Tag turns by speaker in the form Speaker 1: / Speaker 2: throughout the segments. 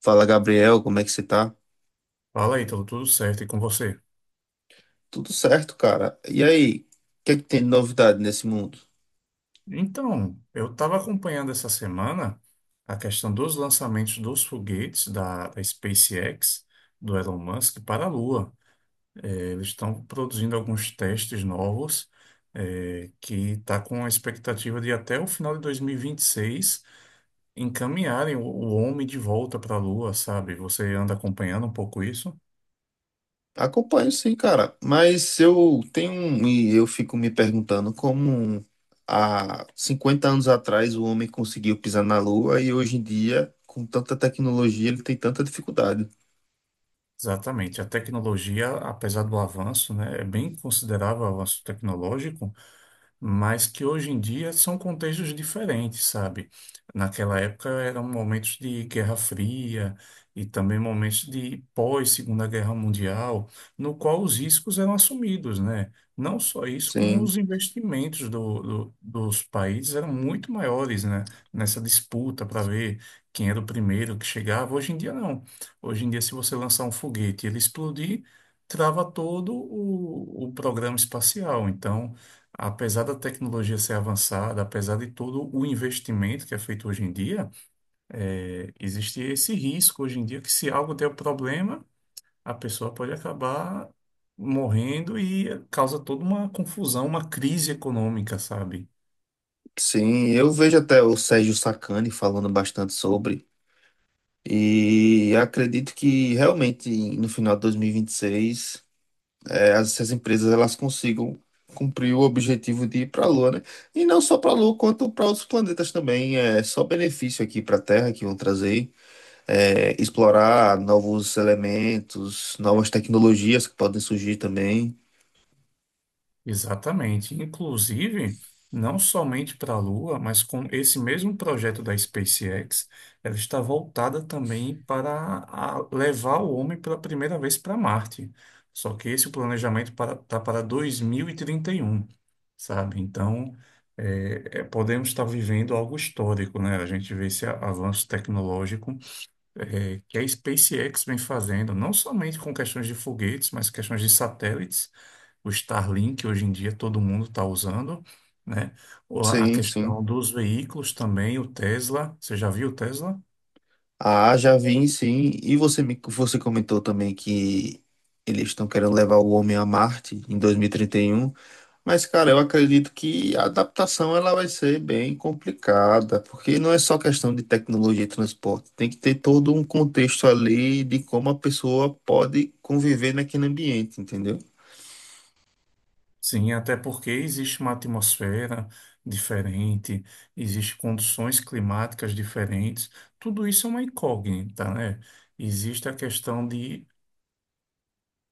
Speaker 1: Fala, Gabriel, como é que você tá?
Speaker 2: Fala aí, tudo certo e com você?
Speaker 1: Tudo certo, cara. E aí, o que é que tem de novidade nesse mundo?
Speaker 2: Então, eu estava acompanhando essa semana a questão dos lançamentos dos foguetes da SpaceX, do Elon Musk, para a Lua. Eles estão produzindo alguns testes novos, que está com a expectativa de até o final de dois mil e vinte e seis encaminharem o homem de volta para a Lua, sabe? Você anda acompanhando um pouco isso?
Speaker 1: Acompanho sim, cara, mas e eu fico me perguntando como há 50 anos atrás o homem conseguiu pisar na Lua e hoje em dia, com tanta tecnologia, ele tem tanta dificuldade.
Speaker 2: Exatamente. A tecnologia, apesar do avanço, né, é bem considerável o avanço tecnológico, mas que hoje em dia são contextos diferentes, sabe? Naquela época eram momentos de Guerra Fria e também momentos de pós-Segunda Guerra Mundial, no qual os riscos eram assumidos, né? Não só isso, como
Speaker 1: Sim,
Speaker 2: os investimentos dos países eram muito maiores, né? Nessa disputa para ver quem era o primeiro que chegava. Hoje em dia, não. Hoje em dia, se você lançar um foguete e ele explodir, trava todo o programa espacial. Então, apesar da tecnologia ser avançada, apesar de todo o investimento que é feito hoje em dia, existe esse risco hoje em dia que se algo der problema, a pessoa pode acabar morrendo e causa toda uma confusão, uma crise econômica, sabe?
Speaker 1: sim, eu vejo até o Sérgio Sacani falando bastante sobre, e acredito que realmente no final de dois mil e 26 as empresas elas consigam cumprir o objetivo de ir para a Lua, né? E não só para a Lua, quanto para outros planetas também. É só benefício aqui para a Terra que vão trazer. É, explorar novos elementos, novas tecnologias que podem surgir também.
Speaker 2: Exatamente. Inclusive, não somente para a Lua, mas com esse mesmo projeto da SpaceX, ela está voltada também para levar o homem pela primeira vez para Marte. Só que esse planejamento tá para 2031, sabe? Então, podemos estar vivendo algo histórico, né? A gente vê esse avanço tecnológico que a SpaceX vem fazendo, não somente com questões de foguetes, mas questões de satélites, o Starlink, hoje em dia todo mundo está usando, né? A
Speaker 1: Sim, sim.
Speaker 2: questão dos veículos também, o Tesla, você já viu o Tesla?
Speaker 1: Ah, já vi, sim. Você comentou também que eles estão querendo levar o homem a Marte em 2031. Mas, cara, eu acredito que a adaptação ela vai ser bem complicada, porque não é só questão de tecnologia e transporte, tem que ter todo um contexto ali de como a pessoa pode conviver naquele ambiente, entendeu?
Speaker 2: Sim, até porque existe uma atmosfera diferente, existem condições climáticas diferentes, tudo isso é uma incógnita, né? Existe a questão de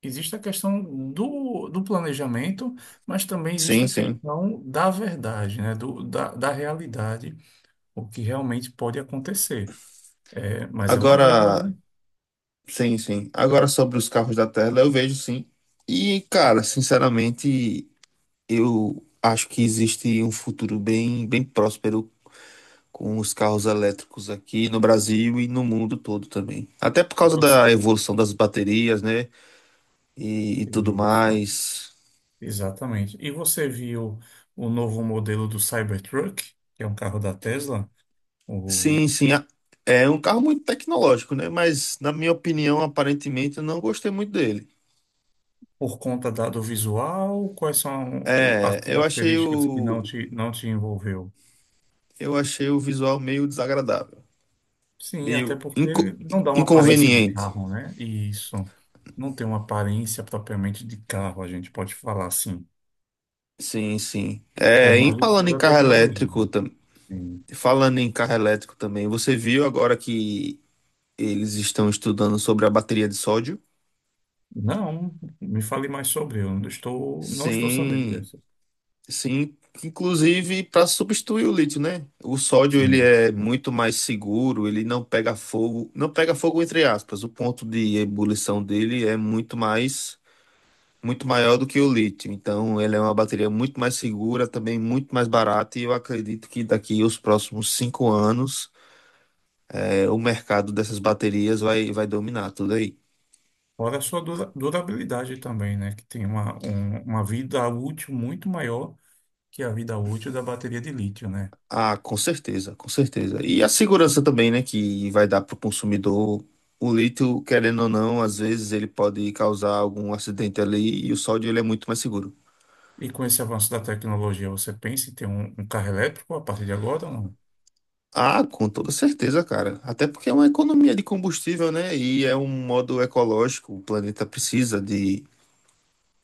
Speaker 2: Existe a questão do planejamento, mas também existe
Speaker 1: Sim,
Speaker 2: a
Speaker 1: sim.
Speaker 2: questão da verdade, né? Da realidade, o que realmente pode acontecer. É, mas é uma
Speaker 1: Agora,
Speaker 2: dúvida.
Speaker 1: sim, sim. Agora sobre os carros da Tesla, eu vejo sim. E, cara, sinceramente, eu acho que existe um futuro bem próspero com os carros elétricos aqui no Brasil e no mundo todo também. Até por causa
Speaker 2: Você...
Speaker 1: da evolução das baterias, né? E tudo
Speaker 2: Isso,
Speaker 1: mais.
Speaker 2: exatamente. E você viu o novo modelo do Cybertruck, que é um carro da Tesla, o,
Speaker 1: Sim, sim. É um carro muito tecnológico, né? Mas, na minha opinião, aparentemente, eu não gostei muito dele.
Speaker 2: por conta do visual, quais são as
Speaker 1: É, eu achei
Speaker 2: características que
Speaker 1: o,
Speaker 2: não te envolveu?
Speaker 1: eu achei o visual meio desagradável,
Speaker 2: Sim, até
Speaker 1: meio
Speaker 2: porque
Speaker 1: inco-
Speaker 2: não dá uma aparência de
Speaker 1: inconveniente.
Speaker 2: carro, né? E isso não tem uma aparência propriamente de carro, a gente pode falar assim,
Speaker 1: Sim, sim.
Speaker 2: por mais de toda tecnologia. Sim.
Speaker 1: Falando em carro elétrico também, você viu agora que eles estão estudando sobre a bateria de sódio.
Speaker 2: Não, me fale mais sobre, eu não estou sabendo
Speaker 1: Sim,
Speaker 2: dessa.
Speaker 1: sim, inclusive para substituir o lítio, né? O sódio ele
Speaker 2: Sim.
Speaker 1: é muito mais seguro, ele não pega fogo, não pega fogo entre aspas. O ponto de ebulição dele é muito mais, muito maior do que o lítio. Então, ele é uma bateria muito mais segura, também muito mais barata. E eu acredito que daqui os próximos 5 anos, é, o mercado dessas baterias vai dominar tudo aí.
Speaker 2: Fora a sua durabilidade também, né? Que tem uma vida útil muito maior que a vida útil da bateria de lítio, né?
Speaker 1: Ah, com certeza, com certeza. E a segurança também, né, que vai dar para o consumidor. O lítio, querendo ou não, às vezes ele pode causar algum acidente ali e o sódio ele é muito mais seguro.
Speaker 2: E com esse avanço da tecnologia, você pensa em ter um carro elétrico a partir de agora ou não?
Speaker 1: Ah, com toda certeza, cara. Até porque é uma economia de combustível, né? E é um modo ecológico. O planeta precisa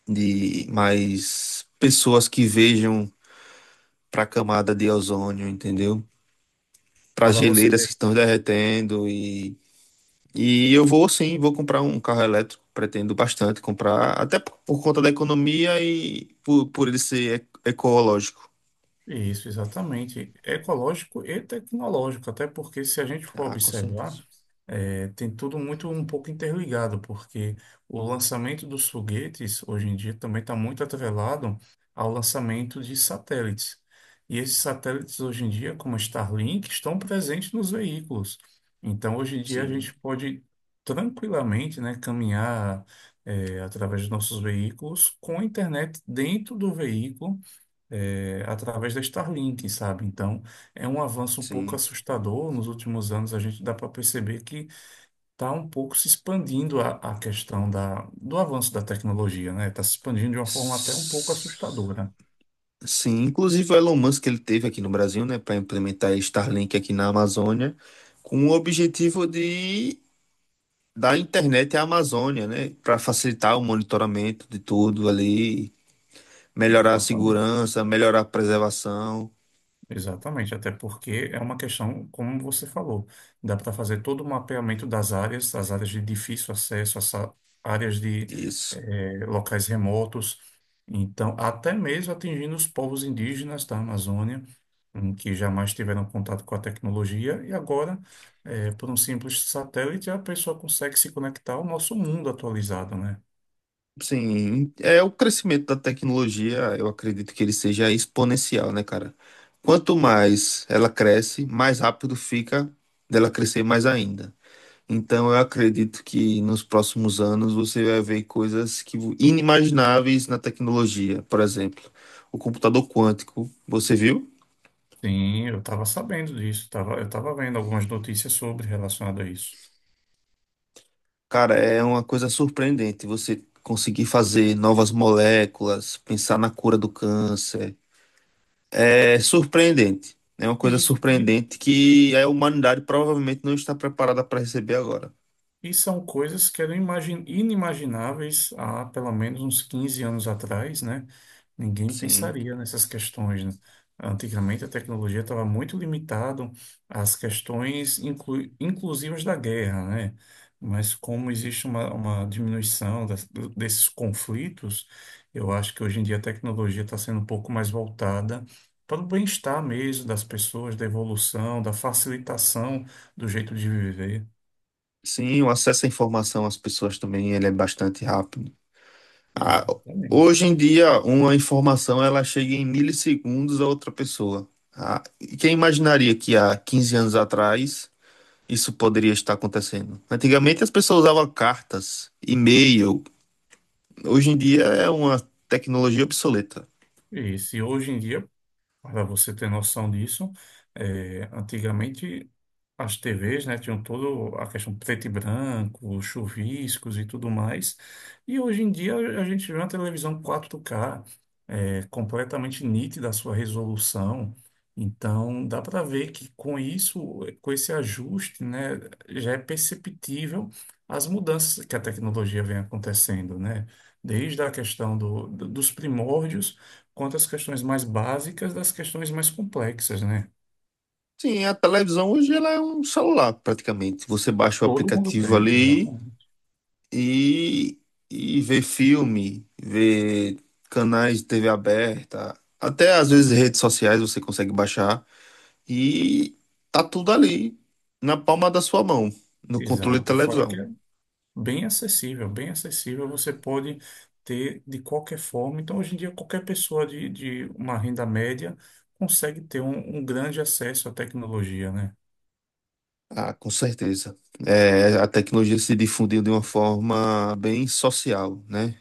Speaker 1: de mais pessoas que vejam para a camada de ozônio, entendeu? Para
Speaker 2: Para você
Speaker 1: geleiras que
Speaker 2: ver.
Speaker 1: estão derretendo. E eu vou sim, vou comprar um carro elétrico, pretendo bastante comprar, por conta da economia e por ele ser ecológico.
Speaker 2: Isso, exatamente. Ecológico e tecnológico, até porque se a gente for
Speaker 1: Ah, com
Speaker 2: observar,
Speaker 1: certeza.
Speaker 2: tem tudo muito um pouco interligado, porque o lançamento dos foguetes hoje em dia também está muito atrelado ao lançamento de satélites. E esses satélites hoje em dia, como a Starlink, estão presentes nos veículos. Então, hoje em dia a
Speaker 1: Sim,
Speaker 2: gente pode tranquilamente, né, caminhar, através dos nossos veículos com a internet dentro do veículo, é, através da Starlink, sabe? Então, é um avanço um pouco
Speaker 1: sim.
Speaker 2: assustador. Nos últimos anos, a gente dá para perceber que está um pouco se expandindo a questão do avanço da tecnologia, né? Está se expandindo de uma forma até um pouco
Speaker 1: S-
Speaker 2: assustadora.
Speaker 1: Sim, inclusive o Elon Musk ele teve aqui no Brasil, né, para implementar Starlink aqui na Amazônia, com o objetivo de dar internet à Amazônia, né, para facilitar o monitoramento de tudo ali, melhorar a
Speaker 2: Exatamente.
Speaker 1: segurança, melhorar a preservação.
Speaker 2: Exatamente, até porque é uma questão, como você falou, dá para fazer todo o mapeamento das áreas, as áreas de difícil acesso, áreas de
Speaker 1: Isso.
Speaker 2: locais remotos, então até mesmo atingindo os povos indígenas da Amazônia, em que jamais tiveram contato com a tecnologia, e agora, por um simples satélite, a pessoa consegue se conectar ao nosso mundo atualizado, né?
Speaker 1: Sim, é o crescimento da tecnologia, eu acredito que ele seja exponencial, né, cara? Quanto mais ela cresce, mais rápido fica dela crescer mais ainda. Então, eu acredito que nos próximos anos você vai ver coisas que inimagináveis na tecnologia. Por exemplo, o computador quântico, você viu?
Speaker 2: Sim, eu estava sabendo disso, eu estava vendo algumas notícias sobre relacionado a isso.
Speaker 1: Cara, é uma coisa surpreendente você conseguir fazer novas moléculas, pensar na cura do câncer. É surpreendente. É uma
Speaker 2: E
Speaker 1: coisa
Speaker 2: isso,
Speaker 1: surpreendente que a humanidade provavelmente não está preparada para receber agora.
Speaker 2: E são coisas que eram inimagináveis há pelo menos uns 15 anos atrás, né? Ninguém
Speaker 1: Sim.
Speaker 2: pensaria nessas questões, né? Antigamente a tecnologia estava muito limitada às questões inclusivas da guerra, né? Mas como existe uma diminuição desses conflitos, eu acho que hoje em dia a tecnologia está sendo um pouco mais voltada para o bem-estar mesmo das pessoas, da evolução, da facilitação do jeito de viver.
Speaker 1: Sim, o acesso à informação às pessoas também ele é bastante rápido. Ah,
Speaker 2: Exatamente.
Speaker 1: hoje em dia, uma informação ela chega em milissegundos a outra pessoa. Ah, e quem imaginaria que há 15 anos atrás isso poderia estar acontecendo? Antigamente as pessoas usavam cartas, e-mail. Hoje em dia é uma tecnologia obsoleta.
Speaker 2: E se hoje em dia, para você ter noção disso, antigamente as TVs, né, tinham toda a questão preto e branco, chuviscos e tudo mais. E hoje em dia a gente vê uma televisão 4K completamente nítida a sua resolução. Então, dá para ver que com isso, com esse ajuste, né, já é perceptível as mudanças que a tecnologia vem acontecendo, né? Desde a questão dos primórdios, quanto às questões mais básicas das questões mais complexas, né?
Speaker 1: Sim, a televisão hoje ela é um celular, praticamente. Você baixa o
Speaker 2: Todo mundo
Speaker 1: aplicativo
Speaker 2: tem, exato.
Speaker 1: ali e, e vê filme, vê canais de TV aberta, até às vezes redes sociais você consegue baixar e tá tudo ali na palma da sua mão, no controle de
Speaker 2: Exato. Fora que
Speaker 1: televisão.
Speaker 2: bem acessível, bem acessível. Você pode ter de qualquer forma. Então, hoje em dia, qualquer pessoa de uma renda média consegue ter um grande acesso à tecnologia, né?
Speaker 1: Ah, com certeza. É, a tecnologia se difundiu de uma forma bem social, né?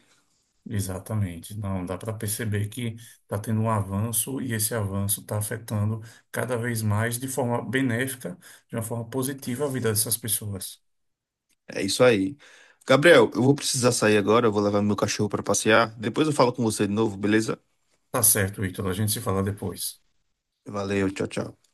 Speaker 2: Exatamente. Não, dá para perceber que está tendo um avanço e esse avanço está afetando cada vez mais de forma benéfica, de uma forma positiva a vida dessas pessoas.
Speaker 1: É isso aí. Gabriel, eu vou precisar sair agora, eu vou levar meu cachorro para passear. Depois eu falo com você de novo, beleza?
Speaker 2: Tá certo, Ítalo. A gente se fala depois.
Speaker 1: Valeu, tchau, tchau.